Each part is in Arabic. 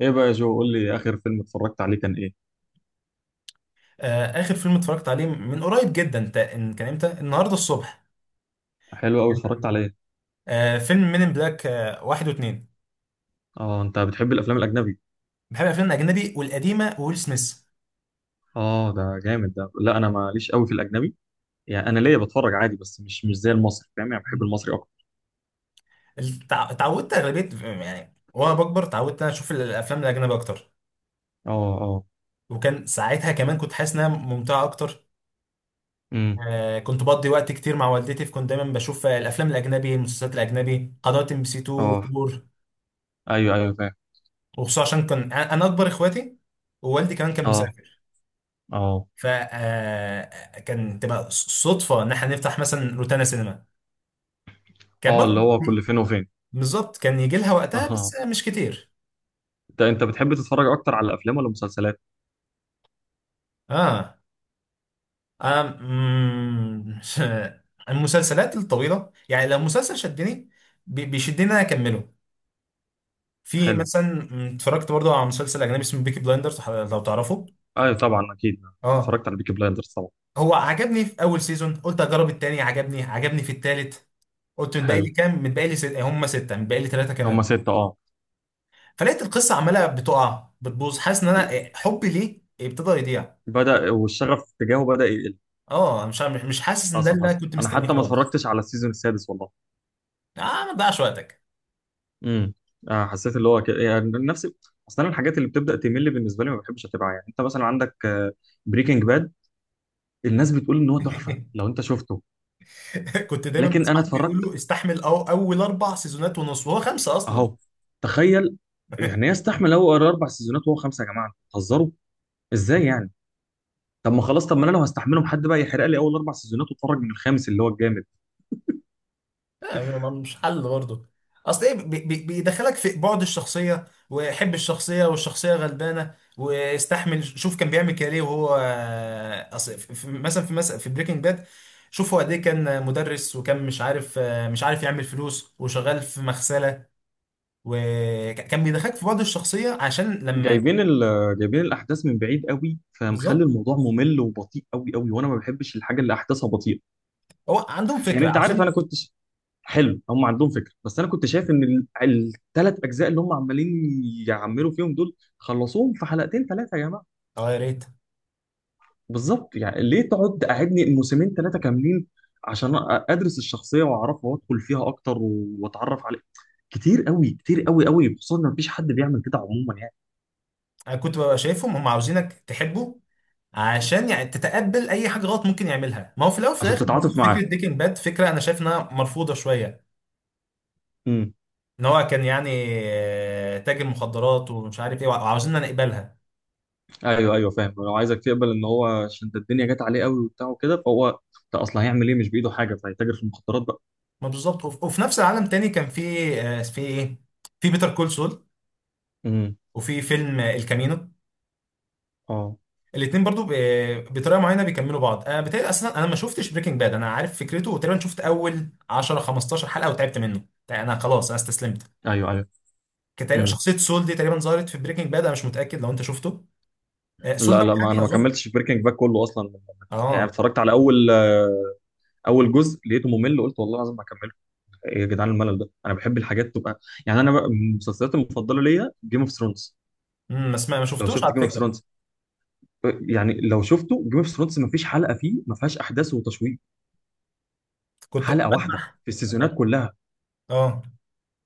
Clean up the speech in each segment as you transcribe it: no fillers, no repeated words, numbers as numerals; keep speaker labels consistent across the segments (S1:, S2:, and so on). S1: ايه بقى يا جو؟ قول لي، اخر فيلم اتفرجت عليه كان ايه؟
S2: اخر فيلم اتفرجت عليه من قريب جدا، كان امتى؟ النهارده الصبح.
S1: حلو قوي. اتفرجت على ايه؟
S2: فيلم "مين ان بلاك"، واحد واثنين.
S1: اه، انت بتحب الافلام الاجنبي؟
S2: بحب الافلام الاجنبي والقديمه وويل سميث.
S1: اه ده جامد. ده لا، انا ماليش قوي في الاجنبي، يعني انا ليا بتفرج عادي، بس مش زي المصري، فاهم؟ يعني بحب المصري اكتر.
S2: اتعودت اغلبيه، يعني وانا بكبر اتعودت انا اشوف الافلام الاجنبيه اكتر.
S1: اه، اه.
S2: وكان ساعتها كمان كنت حاسس انها ممتعه اكتر.
S1: امم.
S2: كنت بقضي وقت كتير مع والدتي، فكنت دايما بشوف الافلام الاجنبي، المسلسلات الاجنبي، قنوات ام بي سي 2
S1: اه.
S2: 4.
S1: ايوه ايوه، فاهم.
S2: وخصوصا عشان كان انا اكبر اخواتي، ووالدي كمان كان
S1: اه،
S2: مسافر.
S1: اه،
S2: فكان تبقى صدفه ان احنا نفتح مثلا روتانا سينما، كان
S1: اه، اللي
S2: برضه.
S1: هو كل فين وفين.
S2: بالظبط، كان يجي لها وقتها بس
S1: اه،
S2: مش كتير.
S1: ده انت بتحب تتفرج اكتر على افلام ولا مسلسلات؟
S2: اه. أم... مم، المسلسلات الطويله، يعني لو مسلسل شدني، بيشدني ان انا اكمله. في
S1: حلو.
S2: مثلا. اتفرجت برضه على مسلسل اجنبي اسمه "بيكي بلايندرز"، لو تعرفه.
S1: ايوه طبعا، اكيد
S2: اه.
S1: اتفرجت على بيكي بلايندرز طبعا.
S2: هو عجبني في اول سيزون، قلت اجرب التاني، عجبني، عجبني في التالت. قلت: متبقي لي
S1: حلو.
S2: كام؟ متبقي لي ست... هم سته، متبقي لي ثلاثه كمان.
S1: هما ستة، اه.
S2: فلقيت القصه عماله بتقع بتبوظ، حاسس ان انا حبي ليه ابتدى يضيع.
S1: بدأ، والشغف تجاهه بدأ يقل.
S2: اه، أنا مش حاسس ان ده
S1: حصل
S2: اللي انا
S1: حصل،
S2: كنت
S1: انا
S2: مستنيه
S1: حتى ما
S2: خالص.
S1: اتفرجتش على السيزون السادس والله.
S2: اه، ما تضيعش وقتك.
S1: امم. حسيت اللي هو كده يعني نفس. اصلا أنا الحاجات اللي بتبدا تمل بالنسبه لي ما بحبش اتابعها. يعني انت مثلا عندك بريكنج باد، الناس بتقول ان هو تحفه، لو انت شفته.
S2: كنت دايما
S1: لكن
S2: بسمع
S1: انا اتفرجت،
S2: بيقولوا: استحمل أو اول اربع سيزونات ونص، وهو خمسه اصلا.
S1: اهو، تخيل. يعني يستحمل هو اربع سيزونات وهو خمسه؟ يا جماعه أنتوا بتهزروا، ازاي يعني؟ طب ما خلاص، طب ما انا لو هستحملهم، حد بقى يحرق لي اول اربع سيزونات واتفرج من الخامس اللي هو الجامد.
S2: لا، مش حل برضه. اصل ايه، بيدخلك في بعد الشخصيه، وحب الشخصيه والشخصيه غلبانه، واستحمل، شوف كان بيعمل كده ليه وهو. اصل في- في- مثلا في مثلا في بريكنج باد. شوف هو قد ايه، كان مدرس وكان مش عارف يعمل فلوس وشغال في مغسله. وكان بيدخلك في بعد الشخصيه عشان لما.
S1: جايبين الاحداث من بعيد قوي، فمخلي
S2: بالظبط.
S1: الموضوع ممل وبطيء قوي قوي، وانا ما بحبش الحاجه اللي احداثها بطيئه.
S2: هو عندهم
S1: يعني
S2: فكره
S1: انت عارف انا
S2: عاوزين.
S1: حلو، هم عندهم فكره، بس انا كنت شايف ان الثلاث اجزاء اللي هم عمالين يعملوا فيهم دول خلصوهم في حلقتين ثلاثه يا جماعه.
S2: اه، يا ريت.
S1: بالظبط، يعني ليه تقعد قاعدني موسمين ثلاثه كاملين عشان ادرس الشخصيه واعرفها وادخل فيها اكتر واتعرف عليها؟ كتير قوي، كتير قوي قوي، خصوصا ان مفيش حد بيعمل كده عموما يعني.
S2: انا كنت ببقى شايفهم هم عاوزينك تحبه، عشان يعني تتقبل اي حاجه غلط ممكن يعملها. ما هو في الاول وفي
S1: عشان
S2: الاخر برضه
S1: تتعاطف
S2: فكره بريكنج باد، فكره انا شايف انها مرفوضه شويه.
S1: معاه.
S2: ان هو كان يعني تاجر مخدرات ومش عارف ايه، وعاوزيننا نقبلها.
S1: ايوه ايوه، فاهم. لو عايزك تقبل ان هو عشان ده الدنيا جت عليه قوي وبتاع وكده، فهو ده اصلا هيعمل ايه؟ مش بايده حاجه، فهيتاجر في المخدرات بقى.
S2: ما بالظبط. وفي نفس العالم تاني كان في في ايه، في "بيتر كول سول"،
S1: امم.
S2: وفي فيلم "الكامينو".
S1: اه.
S2: الاثنين برضو بطريقه معينه بيكملوا بعض. انا بتهيألي اصلا انا ما شفتش بريكنج باد، انا عارف فكرته، وتقريبا شفت اول 10 15 حلقه وتعبت منه. يعني انا خلاص، انا استسلمت.
S1: ايوه ايوه.
S2: كان تقريبا
S1: امم.
S2: شخصيه سول دي تقريبا ظهرت في بريكنج باد، انا مش متاكد لو انت شفته.
S1: لا
S2: سلطة،
S1: لا، ما انا
S2: محامي
S1: ما
S2: اظن.
S1: كملتش بريكنج باك كله اصلا. يعني
S2: اه.
S1: اتفرجت على اول جزء، لقيته ممل، قلت والله العظيم ما اكمله. ايه يا جدعان الملل ده؟ انا بحب الحاجات تبقى يعني. انا بقى المسلسلات المفضله ليا جيم اوف ثرونز.
S2: بس ما
S1: لو
S2: شفتوش
S1: شفت
S2: على
S1: جيم اوف
S2: فكرة.
S1: ثرونز، يعني لو شفته جيم اوف ثرونز، ما فيش حلقه فيه ما فيهاش احداث وتشويق.
S2: كنت
S1: حلقه واحده
S2: بلمح،
S1: في السيزونات
S2: ب-
S1: كلها.
S2: اه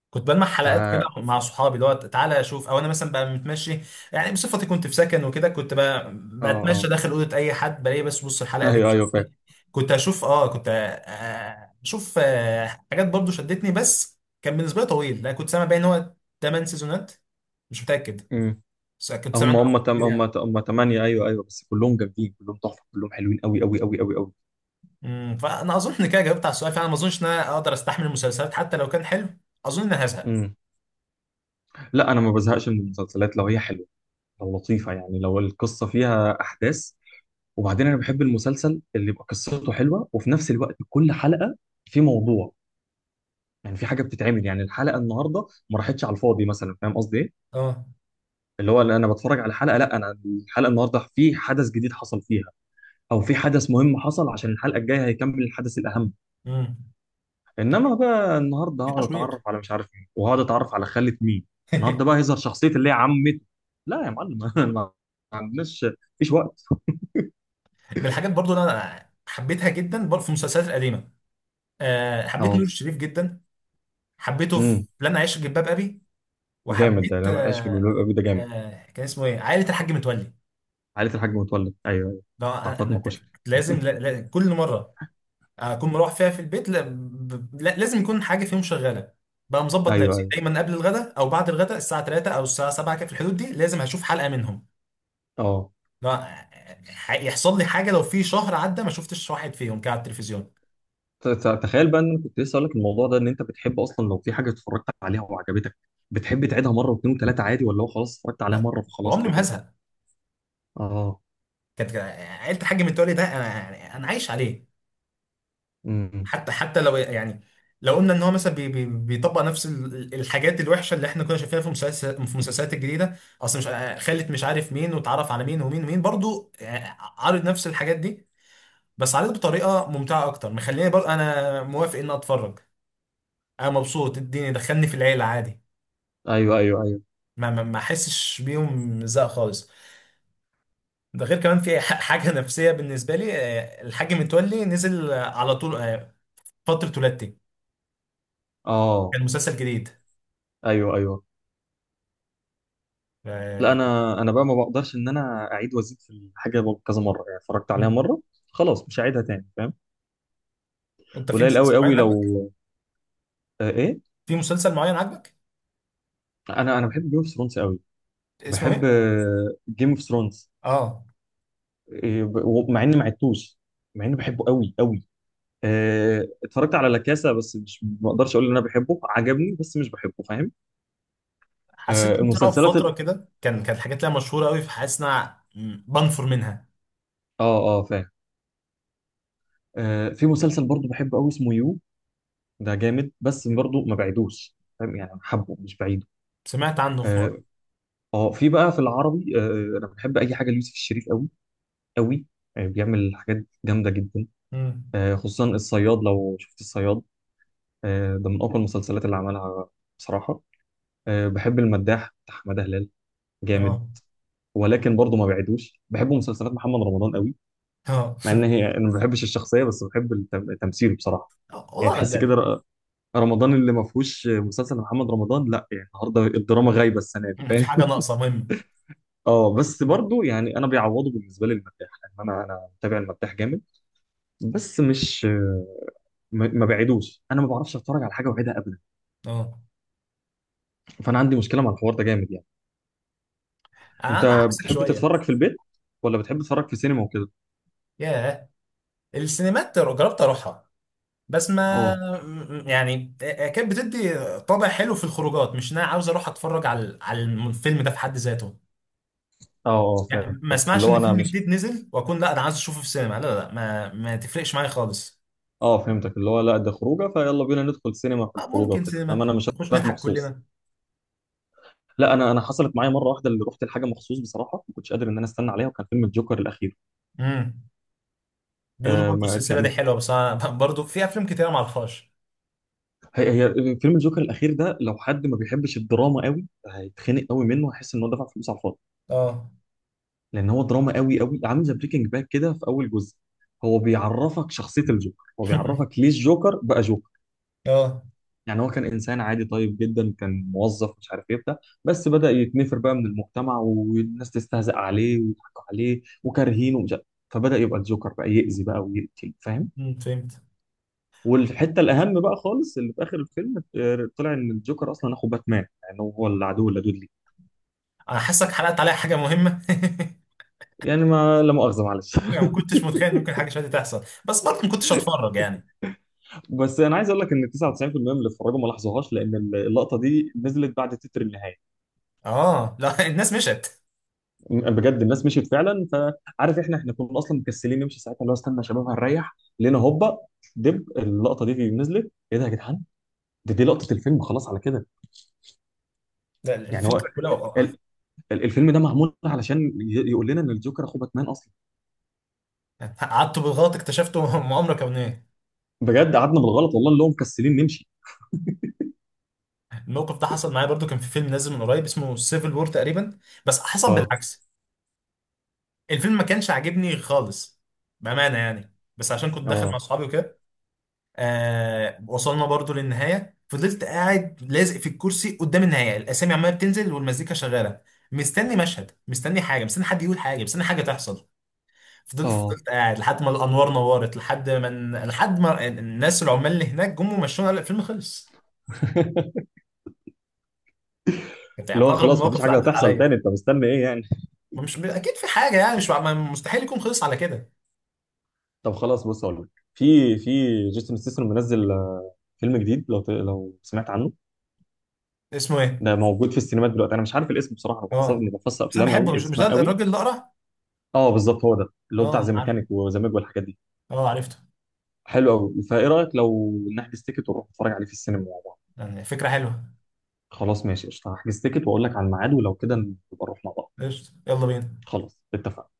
S2: كنت بلمح
S1: ف
S2: حلقات كده
S1: اه.
S2: مع صحابي اللي هو تعالى اشوف، او انا مثلا بقى متمشي. يعني بصفتي كنت في سكن وكده، كنت بقى بتمشى
S1: اه.
S2: داخل اوضه اي حد بلاقي. بس بص، الحلقه دي
S1: ايوه
S2: مش عارف
S1: ايوه، فاهم.
S2: إيه. كنت اشوف حاجات برضو شدتني. بس كان بالنسبه لي طويل، لا كنت سامع بقى ان هو 8 سيزونات، مش متاكد،
S1: امم.
S2: بس كنت سامع
S1: هم
S2: انه رقم
S1: هم تم
S2: كبير
S1: هم
S2: يعني.
S1: هم ثمانية، ايوه ايوه. بس كلهم جامدين، كلهم تحفة، كلهم حلوين قوي قوي قوي قوي قوي.
S2: فانا اظن ان كده جاوبت على السؤال، فانا ما اظنش ان انا اقدر استحمل المسلسلات حتى لو كان حلو. اظن ان انا هزهق.
S1: امم. لا، انا ما بزهقش من المسلسلات لو هي حلوة، لو لطيفة، يعني لو القصة فيها احداث. وبعدين انا بحب المسلسل اللي يبقى قصته حلوة وفي نفس الوقت كل حلقة في موضوع، يعني في حاجة بتتعمل، يعني الحلقة النهاردة ما راحتش على الفاضي مثلا. فاهم قصدي ايه؟
S2: اه.
S1: اللي هو اللي انا بتفرج على حلقة، لا انا الحلقة النهاردة في حدث جديد حصل فيها، او في حدث مهم حصل عشان الحلقة الجاية هيكمل الحدث الاهم.
S2: امم.
S1: انما بقى النهارده
S2: في
S1: هقعد
S2: تشويق.
S1: اتعرف على مش عارف مين، وهقعد اتعرف على خالة مين، النهارده بقى هيظهر شخصية اللي هي عمته. لا يا معلم ما عندناش مفيش وقت.
S2: من الحاجات برضو اللي انا حبيتها جدا برضو، في المسلسلات القديمه. حبيت نور
S1: اه.
S2: الشريف جدا، حبيته في
S1: امم.
S2: "لن اعيش في جلباب ابي".
S1: جامد ده،
S2: وحبيت
S1: انا ما في
S2: أه
S1: جمهور ابي ده جامد.
S2: أه كان اسمه ايه؟ عائله الحاج متولي.
S1: عائلة الحاج متولد، ايوه ايوه.
S2: ده
S1: بتاع
S2: انا
S1: فاطمة
S2: أنا
S1: كشري،
S2: لازم. لا لا، كل مره اكون مروح فيها في البيت، لا ب- لا- لازم يكون حاجه فيهم شغاله. بقى مظبط
S1: ايوه
S2: نفسي
S1: ايوه.
S2: دايما قبل الغداء او بعد الغداء، الساعه 3 او الساعه 7 كده في الحدود دي، لازم هشوف حلقه منهم.
S1: اه.
S2: لا، يحصل لي حاجه لو في شهر عدى ما شفتش واحد فيهم كده على التلفزيون.
S1: تخيل بقى ان انا كنت لسه اقول لك الموضوع ده. ان انت بتحب اصلا لو في حاجة اتفرجت عليها وعجبتك، بتحب تعيدها مرة واثنين وثلاثة عادي، ولا هو خلاص اتفرجت عليها
S2: لا،
S1: مرة فخلاص
S2: وعمري
S1: انا
S2: ما
S1: كده؟
S2: هزهق.
S1: اه.
S2: كانت عيله الحاج متولي ده انا عايش عليه.
S1: امم.
S2: حتى لو يعني، لو قلنا ان هو مثلا بي بي بيطبق نفس الحاجات الوحشه اللي احنا كنا شايفينها في المسلسلات الجديده. اصل مش، خلت مش عارف مين واتعرف على مين ومين ومين، برضو عارض نفس الحاجات دي، بس عارض بطريقه ممتعه اكتر، مخليني برضو انا موافق ان اتفرج. انا مبسوط، اديني دخلني في العيله عادي،
S1: ايوه ايوه ايوه.
S2: ما احسش بيهم زهق خالص. ده غير كمان في حاجه نفسيه بالنسبه لي. الحاج متولي نزل على طول، فتره ولادتي،
S1: اه،
S2: كان مسلسل جديد.
S1: ايوه ايوه. لا،
S2: آه،
S1: انا بقى ما بقدرش ان انا اعيد وازيد في الحاجه كذا مره. يعني اتفرجت عليها مره خلاص، مش هعيدها تاني، فاهم.
S2: انت في
S1: قليل
S2: مسلسل
S1: قوي
S2: معين
S1: قوي. لو
S2: عاجبك؟
S1: آه، ايه؟
S2: في مسلسل معين عاجبك؟
S1: انا بحب جيم اوف ثرونز قوي.
S2: اسمه
S1: بحب
S2: ايه؟
S1: جيم اوف ثرونز،
S2: اه.
S1: مع اني ما عدتوش، مع اني بحبه قوي قوي. آه، اتفرجت على لاكاسا، بس مش، ما اقدرش اقول ان انا بحبه، عجبني بس مش بحبه، فاهم. آه
S2: حسيت ان طلع في
S1: المسلسلات
S2: فتره
S1: ال...
S2: كده كانت حاجات ليها مشهوره قوي، فحاسس ان انا بنفر منها.
S1: اه اه، فاهم. آه، في مسلسل برضه بحبه قوي اسمه يو، ده جامد، بس
S2: مم.
S1: برضه ما بعيدوش، فاهم؟ يعني حبه مش بعيده.
S2: سمعت عنه في
S1: آه،
S2: مره.
S1: اه، في بقى في العربي، انا بحب اي حاجه ليوسف الشريف قوي قوي. بيعمل حاجات جامده جدا.
S2: مم.
S1: خصوصا الصياد، لو شفت الصياد، ده من اقوى المسلسلات اللي عملها بصراحه. بحب المداح بتاع حماده هلال، جامد.
S2: اه،
S1: ولكن برضه ما بعدوش. بحب مسلسلات محمد رمضان قوي،
S2: اه.
S1: مع ان هي انا ما بحبش الشخصيه بس بحب التمثيل بصراحه. يعني
S2: والله
S1: تحس
S2: غلبان.
S1: كده، رمضان اللي ما فيهوش مسلسل محمد رمضان، لا، يعني النهارده الدراما غايبه السنه دي.
S2: في حاجه ناقصه مهم.
S1: اه، بس
S2: مم.
S1: برضو يعني انا بيعوضه بالنسبه لي المداح، لان انا متابع المداح جامد. بس مش، ما بعيدوش، انا ما بعرفش اتفرج على حاجه واعيدها ابدا.
S2: اه.
S1: فانا عندي مشكله مع الحوار ده جامد يعني.
S2: انا
S1: انت
S2: عكسك
S1: بتحب
S2: شويه.
S1: تتفرج في البيت، ولا بتحب تتفرج في سينما وكده؟
S2: ياه، السينمات جربت اروحها، بس ما،
S1: اه،
S2: يعني كانت بتدي طابع حلو في الخروجات، مش ان انا عاوز اروح اتفرج على الفيلم ده في حد ذاته.
S1: اه، اه فاهم
S2: يعني ما
S1: فاهم. اللي
S2: اسمعش
S1: هو
S2: ان
S1: انا
S2: فيلم
S1: مش،
S2: جديد نزل واكون: لا، انا عايز اشوفه في السينما. لا لا لا، ما تفرقش معايا خالص.
S1: اه فهمتك، اللي هو لا ده خروجه، فيلا بينا ندخل سينما في الخروجه
S2: ممكن
S1: وكده، انما
S2: سينما
S1: انا مش
S2: نخش
S1: رايح
S2: نضحك
S1: مخصوص.
S2: كلنا.
S1: لا، انا حصلت معايا مره واحده اللي رحت لحاجه مخصوص بصراحه، ما كنتش قادر ان انا استنى عليها، وكان فيلم الجوكر الاخير.
S2: امم. بيقولوا
S1: آه
S2: برضه
S1: ما
S2: السلسله دي
S1: كان،
S2: حلوه، بس انا برضه في افلام كتير ما اعرفهاش.
S1: هي فيلم الجوكر الاخير ده لو حد ما بيحبش الدراما قوي هيتخنق قوي منه، هيحس ان هو دفع فلوس على الفاضي.
S2: اه.
S1: لان هو دراما قوي قوي، عامل زي بريكنج باد كده في اول جزء. هو بيعرفك شخصيه الجوكر، هو بيعرفك ليه الجوكر بقى جوكر.
S2: اه.
S1: يعني هو كان انسان عادي طيب جدا، كان موظف مش عارف ايه بتاع، بس بدا يتنفر بقى من المجتمع، والناس تستهزأ عليه ويضحكوا عليه وكارهينه ومش عارف. فبدا يبقى الجوكر بقى، يأذي بقى ويقتل، فاهم.
S2: فهمت.
S1: والحته الاهم بقى خالص اللي في اخر الفيلم، طلع ان الجوكر اصلا اخو باتمان، يعني هو العدو اللدود ليه.
S2: انا حاسك حرقت عليا حاجه مهمه.
S1: يعني ما لا مؤاخذه معلش
S2: يعني ما كنتش متخيل إن ممكن حاجه شبه دي تحصل، بس برضه ما كنتش هتفرج يعني.
S1: بس انا عايز اقول لك ان 99% من اللي اتفرجوا ما لاحظوهاش، لان اللقطه دي نزلت بعد تتر النهايه.
S2: اه. لا الناس مشت.
S1: بجد الناس مشيت فعلا، فعارف احنا كنا اصلا مكسلين نمشي ساعتها، اللي هو استنى يا شباب هنريح، لقينا هوبا دب اللقطه دي نزلت. ايه ده يا جدعان؟ دي لقطه الفيلم خلاص على كده.
S2: لا،
S1: يعني هو
S2: الفكره كلها
S1: ال- الفيلم ده معمول علشان يقول لنا ان الجوكر اخو باتمان اصلا.
S2: قعدت بالغلط اكتشفته مؤامره كونيه.
S1: بجد قعدنا بالغلط والله، اللي هو مكسلين نمشي.
S2: الموقف ده حصل معايا برضو، كان في فيلم نازل من قريب اسمه "سيفل وور" تقريبا، بس حصل
S1: اه،
S2: بالعكس. الفيلم ما كانش عاجبني خالص، بأمانة يعني، بس عشان كنت داخل مع
S1: اه،
S2: اصحابي وكده. وصلنا برضو للنهاية، فضلت قاعد لازق في الكرسي قدام النهاية، الأسامي عمالة بتنزل والمزيكا شغالة، مستني مشهد، مستني حاجة، مستني حد يقول حاجة، مستني حاجة تحصل. فضلت
S1: اه
S2: فضلت قاعد لحد ما الأنوار نورت، لحد ما الناس العمال اللي هناك جم ومشونا، قال الفيلم خلص. كانت يعني
S1: اللي
S2: من
S1: هو
S2: أغرب
S1: خلاص
S2: المواقف
S1: مفيش
S2: اللي
S1: حاجه
S2: عدت
S1: هتحصل تاني،
S2: عليا.
S1: انت مستني ايه يعني؟
S2: ما مش اكيد في حاجه يعني، مش مستحيل يكون خلص على كده.
S1: طب خلاص، بص اقول لك، في جيسون ستاثام منزل فيلم جديد، لو لو سمعت عنه.
S2: اسمه ايه؟
S1: ده موجود في السينمات دلوقتي، انا مش عارف الاسم بصراحه، انا بحفظ،
S2: اه،
S1: اني بحفظ
S2: بس انا
S1: افلام
S2: بحبه،
S1: قوي
S2: مش ده
S1: اسمها قوي.
S2: الراجل الاقرع؟
S1: اه بالظبط، هو ده اللي هو بتاع
S2: اه،
S1: ذا
S2: عارف.
S1: ميكانيك وذا ميج والحاجات دي.
S2: اه، عرفته.
S1: حلو قوي، فايه رايك لو نحجز تيكت ونروح نتفرج عليه في السينما مع بعض؟
S2: يعني فكره حلوه.
S1: خلاص ماشي قشطه، هحجز تيكت واقول لك على الميعاد، ولو كده نبقى نروح مع بعض.
S2: قشطه، يلا بينا.
S1: خلاص اتفقنا.